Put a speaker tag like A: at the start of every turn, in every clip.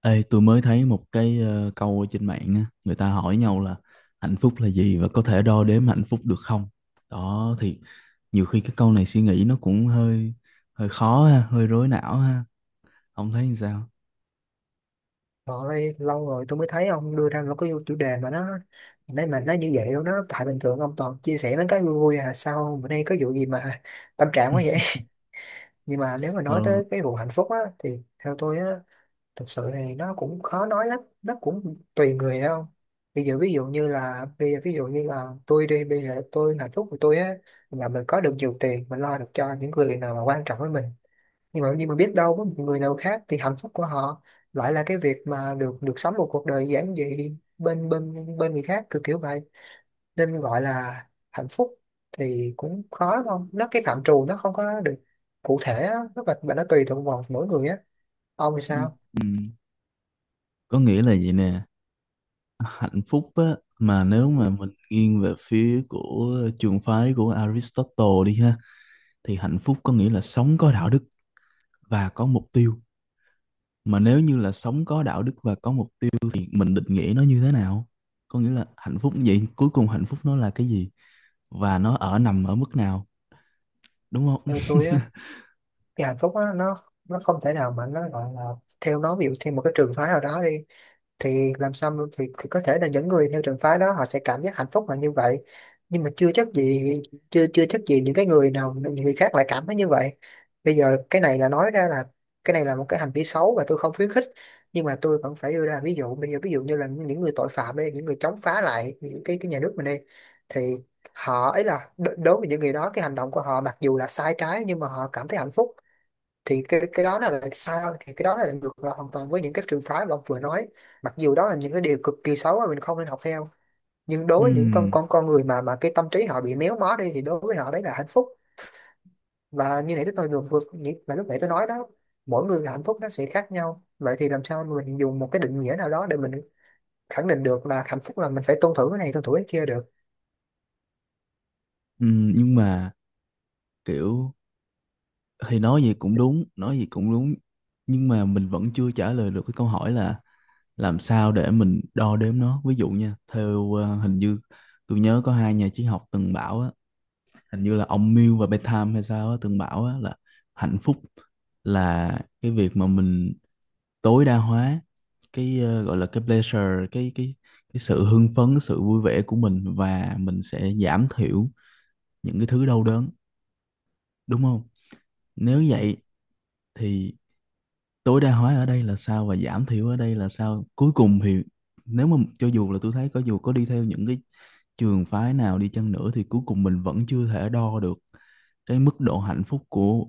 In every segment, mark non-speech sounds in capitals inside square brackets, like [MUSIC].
A: Ê, tôi mới thấy một cái câu ở trên mạng á, người ta hỏi nhau là hạnh phúc là gì và có thể đo đếm hạnh phúc được không? Đó thì nhiều khi cái câu này suy nghĩ nó cũng hơi hơi khó ha, hơi rối não ha, ông thấy như sao?
B: Trời ơi, lâu rồi tôi mới thấy ông đưa ra một cái chủ đề mà nó nãy, mà nó như vậy luôn đó. Tại bình thường ông toàn chia sẻ mấy cái vui vui, à sao bữa nay có vụ gì mà tâm trạng quá vậy? [LAUGHS] Nhưng mà nếu mà
A: Ờ,
B: nói tới cái vụ hạnh phúc á thì theo tôi á, thực sự thì nó cũng khó nói lắm, nó cũng tùy người đâu. Bây giờ ví dụ như là bây giờ ví dụ như là tôi đi, bây giờ tôi hạnh phúc của tôi á là mình có được nhiều tiền, mình lo được cho những người nào mà quan trọng với mình. Nhưng mà biết đâu có một người nào khác thì hạnh phúc của họ lại là cái việc mà được được sống một cuộc đời giản dị bên bên bên người khác, kiểu kiểu vậy. Nên gọi là hạnh phúc thì cũng khó, đúng không? Nó cái phạm trù nó không có được cụ thể á, nó và nó tùy thuộc vào mỗi người á. Ông thì sao?
A: ừm, có nghĩa là gì nè, hạnh phúc á mà nếu mà mình nghiêng về phía của trường phái của Aristotle đi ha thì hạnh phúc có nghĩa là sống có đạo đức và có mục tiêu, mà nếu như là sống có đạo đức và có mục tiêu thì mình định nghĩa nó như thế nào, có nghĩa là hạnh phúc vậy cuối cùng hạnh phúc nó là cái gì và nó ở nằm ở mức nào, đúng không?
B: Theo tôi á
A: [LAUGHS]
B: thì hạnh phúc á, nó không thể nào mà nó gọi là theo nó, ví dụ theo một cái trường phái nào đó đi, thì làm sao mà- thì có thể là những người theo trường phái đó họ sẽ cảm giác hạnh phúc là như vậy, nhưng mà chưa chắc gì những cái người nào, những người khác lại cảm thấy như vậy. Bây giờ cái này là nói ra là, cái này là một cái hành vi xấu và tôi không khuyến khích, nhưng mà tôi vẫn phải đưa ra ví dụ. Bây giờ ví dụ như là những người tội phạm đi, những người chống phá lại những cái nhà nước mình đi, thì họ ấy là đối với những người đó, cái hành động của họ mặc dù là sai trái nhưng mà họ cảm thấy hạnh phúc. Thì cái đó là sao? Thì cái đó là ngược lại hoàn toàn với những cái trường phái mà ông vừa nói. Mặc dù đó là những cái điều cực kỳ xấu mà mình không nên học theo, nhưng đối với những con
A: Ừm,
B: con con người mà cái tâm trí họ bị méo mó đi thì đối với họ đấy là hạnh phúc. Và như nãy tôi vừa vừa như- mà lúc nãy tôi nói đó, mỗi người là hạnh phúc nó sẽ khác nhau, vậy thì làm sao mình dùng một cái định nghĩa nào đó để mình khẳng định được là hạnh phúc là mình phải tuân thủ cái này tuân thủ cái kia được?
A: nhưng mà kiểu thì nói gì cũng đúng, nói gì cũng đúng, nhưng mà mình vẫn chưa trả lời được cái câu hỏi là làm sao để mình đo đếm nó, ví dụ nha, theo hình như tôi nhớ có hai nhà triết học từng bảo á, hình như là ông Mill và Bentham hay sao á từng bảo á là hạnh phúc là cái việc mà mình tối đa hóa cái gọi là cái pleasure cái cái sự hưng phấn, cái sự vui vẻ của mình, và mình sẽ giảm thiểu những cái thứ đau đớn, đúng không? Nếu
B: Ừ.
A: vậy thì tối đa hóa ở đây là sao và giảm thiểu ở đây là sao, cuối cùng thì nếu mà cho dù là tôi thấy có dù có đi theo những cái trường phái nào đi chăng nữa thì cuối cùng mình vẫn chưa thể đo được cái mức độ hạnh phúc của,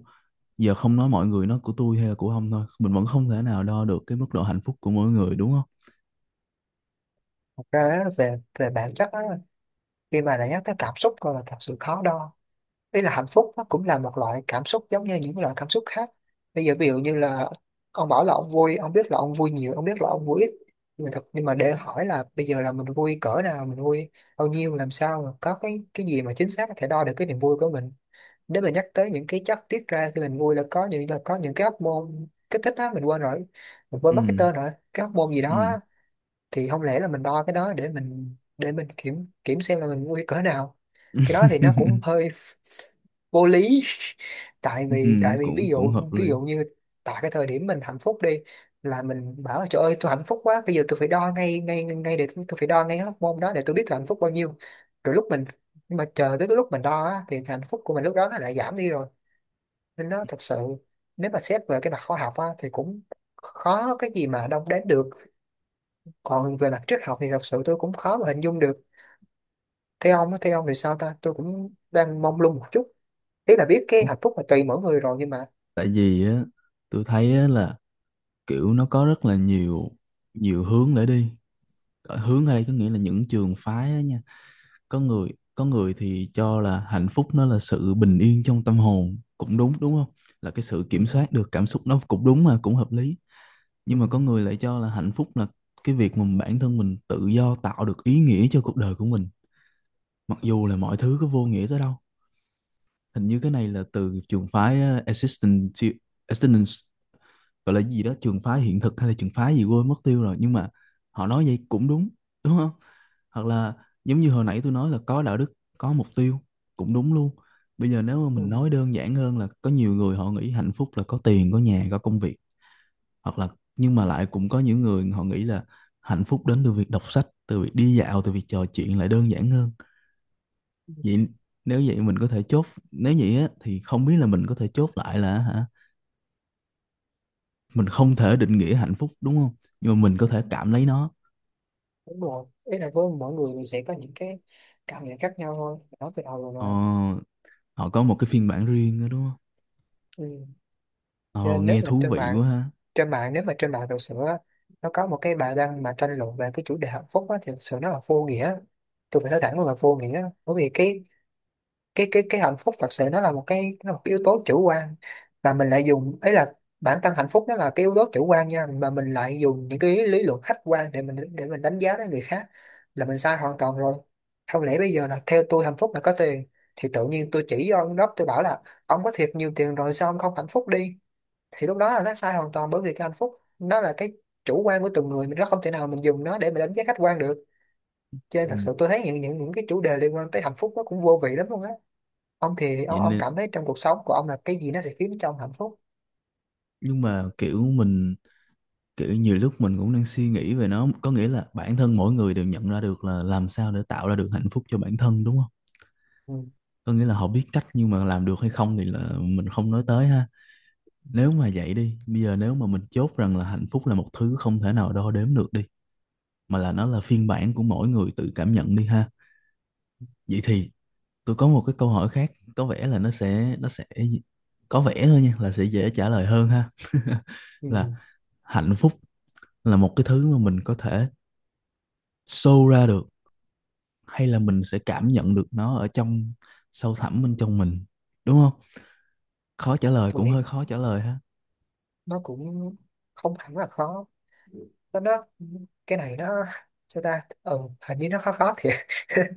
A: giờ không nói mọi người, nó của tôi hay là của ông thôi, mình vẫn không thể nào đo được cái mức độ hạnh phúc của mỗi người, đúng không?
B: Thật ra á, về về bản chất á, khi mà đã nhắc tới cảm xúc rồi là thật sự khó đo. Ý là hạnh phúc nó cũng là một loại cảm xúc giống như những loại cảm xúc khác. Bây giờ ví dụ như là ông bảo là ông vui, ông biết là ông vui nhiều, ông biết là ông vui ít, nhưng mà để hỏi là bây giờ là mình vui cỡ nào, mình vui bao nhiêu, làm sao mà có cái gì mà chính xác có thể đo được cái niềm vui của mình? Nếu mà nhắc tới những cái chất tiết ra khi mình vui là có những cái hormone kích thích á, mình quên rồi, mình quên mất cái
A: Ừ.
B: tên rồi, cái hormone gì
A: Ừ.
B: đó, thì không lẽ là mình đo cái đó để mình kiểm kiểm xem là mình nguy cỡ nào? Cái đó thì nó cũng
A: [LAUGHS]
B: hơi vô lý. [LAUGHS] tại
A: Ừ,
B: vì tại vì ví
A: cũng cũng
B: dụ
A: hợp
B: ví
A: lý.
B: dụ như tại cái thời điểm mình hạnh phúc đi, là mình bảo là trời ơi tôi hạnh phúc quá, bây giờ tôi phải đo ngay ngay ngay để tôi phải đo ngay cái hormone đó để tôi biết tôi hạnh phúc bao nhiêu, rồi lúc mình nhưng mà chờ tới cái lúc mình đo á, thì hạnh phúc của mình lúc đó nó lại giảm đi rồi. Nên nó thật sự, nếu mà xét về cái mặt khoa học á, thì cũng khó có cái gì mà đong đếm được. Còn về mặt triết học thì thật sự tôi cũng khó mà hình dung được. Theo ông á, theo ông thì sao ta, tôi cũng đang mông lung một chút. Ý là biết cái
A: Ủa,
B: hạnh phúc là tùy mỗi người rồi nhưng mà
A: tại vì á tôi thấy á là kiểu nó có rất là nhiều, nhiều hướng để đi. Ở hướng ở đây có nghĩa là những trường phái á nha. Có người, có người thì cho là hạnh phúc nó là sự bình yên trong tâm hồn, cũng đúng, đúng không, là cái sự
B: ừ,
A: kiểm soát được cảm xúc, nó cũng đúng mà cũng hợp lý.
B: ừ,
A: Nhưng mà có người lại cho là hạnh phúc là cái việc mà bản thân mình tự do tạo được ý nghĩa cho cuộc đời của mình, mặc dù là mọi thứ có vô nghĩa tới đâu. Hình như cái này là từ trường phái existential, existence, gọi là gì đó, trường phái hiện thực hay là trường phái gì quên mất tiêu rồi, nhưng mà họ nói vậy cũng đúng, đúng không? Hoặc là, giống như hồi nãy tôi nói là có đạo đức có mục tiêu, cũng đúng luôn. Bây giờ nếu mà mình
B: ừ,
A: nói đơn giản hơn là có nhiều người họ nghĩ hạnh phúc là có tiền, có nhà, có công việc, hoặc là, nhưng mà lại cũng có những người họ nghĩ là hạnh phúc đến từ việc đọc sách, từ việc đi dạo, từ việc trò chuyện, lại đơn giản hơn.
B: ừ,
A: Vậy nếu vậy mình có thể chốt, nếu vậy á, thì không biết là mình có thể chốt lại là hả, mình không thể định nghĩa hạnh phúc đúng không, nhưng mà mình có thể cảm lấy nó.
B: đúng rồi. Ý là với mỗi người mình sẽ có những cái cảm nhận khác nhau thôi, nói từ đầu rồi
A: Ờ,
B: mà.
A: họ có một cái phiên bản riêng đó đúng không?
B: Ừ. Cho
A: Ờ,
B: nên
A: nghe thú vị quá ha.
B: nếu mà trên mạng thực sự á, nó có một cái bài đăng mà tranh luận về cái chủ đề hạnh phúc á thì thực sự nó là vô nghĩa. Tôi phải nói thẳng luôn là vô nghĩa, bởi vì cái hạnh phúc thật sự nó là một cái, nó là một cái yếu tố chủ quan. Và mình lại dùng ấy là, bản thân hạnh phúc nó là cái yếu tố chủ quan nha, mà mình lại dùng những cái lý luận khách quan để mình đánh giá đến người khác là mình sai hoàn toàn rồi. Không lẽ bây giờ là theo tôi hạnh phúc là có tiền, thì tự nhiên tôi chỉ cho ông đó tôi bảo là ông có thiệt nhiều tiền rồi sao ông không hạnh phúc đi? Thì lúc đó là nó sai hoàn toàn, bởi vì cái hạnh phúc nó là cái chủ quan của từng người mình, nó không thể nào mình dùng nó để mình đánh giá khách quan được. Cho nên thật
A: Ừ.
B: sự tôi thấy những cái chủ đề liên quan tới hạnh phúc nó cũng vô vị lắm luôn á. Ông thì
A: Vậy
B: ông
A: nên,
B: cảm thấy trong cuộc sống của ông là cái gì nó sẽ khiến cho ông hạnh phúc?
A: nhưng mà kiểu mình, kiểu nhiều lúc mình cũng đang suy nghĩ về nó, có nghĩa là bản thân mỗi người đều nhận ra được là làm sao để tạo ra được hạnh phúc cho bản thân, đúng không?
B: Ừ.
A: Có nghĩa là họ biết cách, nhưng mà làm được hay không thì là mình không nói tới ha. Nếu mà vậy đi, bây giờ nếu mà mình chốt rằng là hạnh phúc là một thứ không thể nào đo đếm được đi, mà là nó là phiên bản của mỗi người tự cảm nhận đi ha, vậy thì tôi có một cái câu hỏi khác có vẻ là nó sẽ, có vẻ thôi nha, là sẽ dễ trả lời hơn ha. [LAUGHS]
B: Ừ.
A: Là hạnh phúc là một cái thứ mà mình có thể show ra được hay là mình sẽ cảm nhận được nó ở trong sâu thẳm bên trong mình, đúng không? Khó trả lời, cũng
B: Tụi
A: hơi khó trả lời ha.
B: nó cũng không hẳn là khó, nó cái này nó sao ta, ừ, hình như nó khó khó thiệt. [LAUGHS]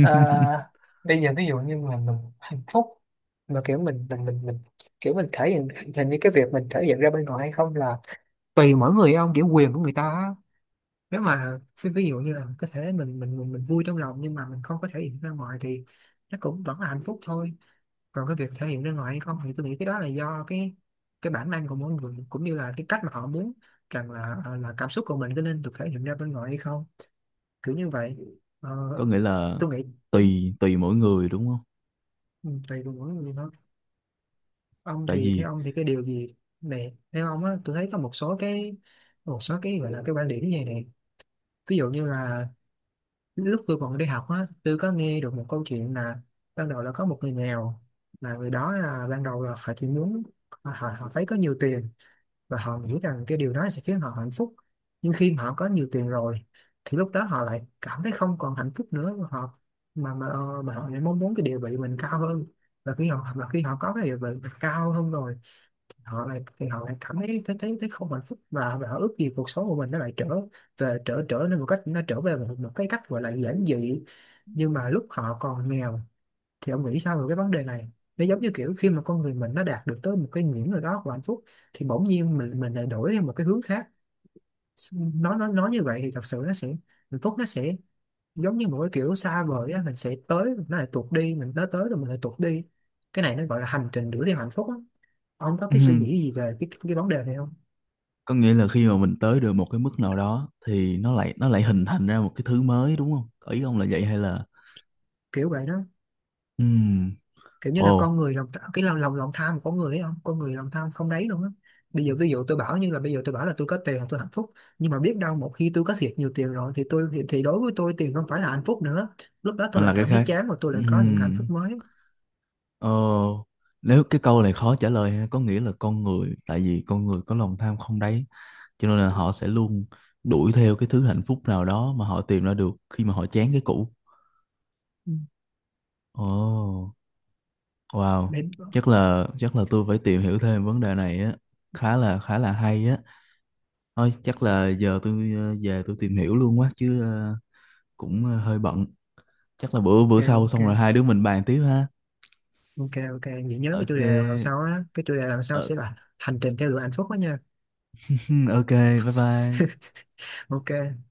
B: Ờ, bây giờ ví dụ như mà mình hạnh phúc mà kiểu mình kiểu mình thể hiện, hình như cái việc mình thể hiện ra bên ngoài hay không là tùy mỗi người ông, kiểu quyền của người ta á. Nếu mà xin ví dụ như là có thể mình vui trong lòng nhưng mà mình không có thể hiện ra ngoài thì nó cũng vẫn là hạnh phúc thôi. Còn cái việc thể hiện ra ngoài hay không thì tôi nghĩ cái đó là do cái bản năng của mỗi người, cũng như là cái cách mà họ muốn rằng là là cảm xúc của mình có nên được thể hiện ra bên ngoài hay không, kiểu như vậy. Ờ,
A: Có nghĩa là
B: tôi nghĩ
A: tùy tùy mỗi người đúng không?
B: ừ, tùy vào mỗi người thôi. Ông
A: Tại
B: thì
A: vì
B: theo ông thì cái điều gì này, theo ông á, tôi thấy có một số cái, một số cái gọi là cái quan điểm như này này. Ví dụ như là lúc tôi còn đi học á, tôi có nghe được một câu chuyện là ban đầu là có một người nghèo, là người đó là ban đầu là họ chỉ muốn họ, họ thấy có nhiều tiền và họ nghĩ rằng cái điều đó sẽ khiến họ hạnh phúc. Nhưng khi mà họ có nhiều tiền rồi thì lúc đó họ lại cảm thấy không còn hạnh phúc nữa, mà họ mà họ lại mong muốn cái địa vị mình cao hơn. Và khi họ có cái địa vị mình cao hơn rồi, họ lại cảm thấy thấy không hạnh phúc, và họ ước gì cuộc sống của mình nó lại trở về trở trở nên một cách, nó trở về một cái cách gọi là giản dị, nhưng mà lúc họ còn nghèo. Thì ông nghĩ sao về cái vấn đề này? Nó giống như kiểu khi mà con người mình nó đạt được tới một cái ngưỡng nào đó của hạnh phúc thì bỗng nhiên mình lại đổi theo một cái hướng khác. Nó nói như vậy thì thật sự nó sẽ, hạnh phúc nó sẽ giống như một cái kiểu xa vời á, mình sẽ tới mình lại tuột đi, mình tới tới rồi mình lại tuột đi. Cái này nó gọi là hành trình đuổi theo hạnh phúc á. Ông có cái suy nghĩ gì
A: [CLEARS THROAT]
B: về cái vấn đề này không?
A: có nghĩa là khi mà mình tới được một cái mức nào đó thì nó lại hình thành ra một cái thứ mới, đúng không? Ý ông là vậy hay là.
B: Kiểu vậy đó.
A: Ừm,
B: Kiểu như là
A: ồ,
B: con người cái lòng lòng lòng tham của con người ấy không, con người lòng tham không đấy luôn á. Bây giờ ví dụ tôi bảo như là bây giờ tôi bảo là tôi có tiền là tôi hạnh phúc, nhưng mà biết đâu một khi tôi có thiệt nhiều tiền rồi thì thì đối với tôi tiền không phải là hạnh phúc nữa, lúc đó
A: nó
B: tôi lại
A: là cái
B: cảm thấy
A: khác.
B: chán và tôi lại có những hạnh
A: Ừm,
B: phúc mới.
A: ờ, nếu cái câu này khó trả lời ha, có nghĩa là con người, tại vì con người có lòng tham không đáy, cho nên là họ sẽ luôn đuổi theo cái thứ hạnh phúc nào đó mà họ tìm ra được khi mà họ chán cái cũ.
B: Ừ.
A: Ồ. Wow,
B: Ok.
A: chắc là tôi phải tìm hiểu thêm vấn đề này á, khá là hay á. Thôi chắc là giờ tôi về tôi tìm hiểu luôn quá chứ, cũng hơi bận. Chắc là bữa bữa sau
B: Ok.
A: xong rồi hai đứa mình bàn tiếp ha.
B: Ok, ok, vậy nhớ cái chủ
A: Ok,
B: đề lần sau á, cái chủ đề lần sau
A: ờ,
B: sẽ là hành trình theo đuổi hạnh phúc đó nha.
A: [LAUGHS] ok, bye bye.
B: Ok.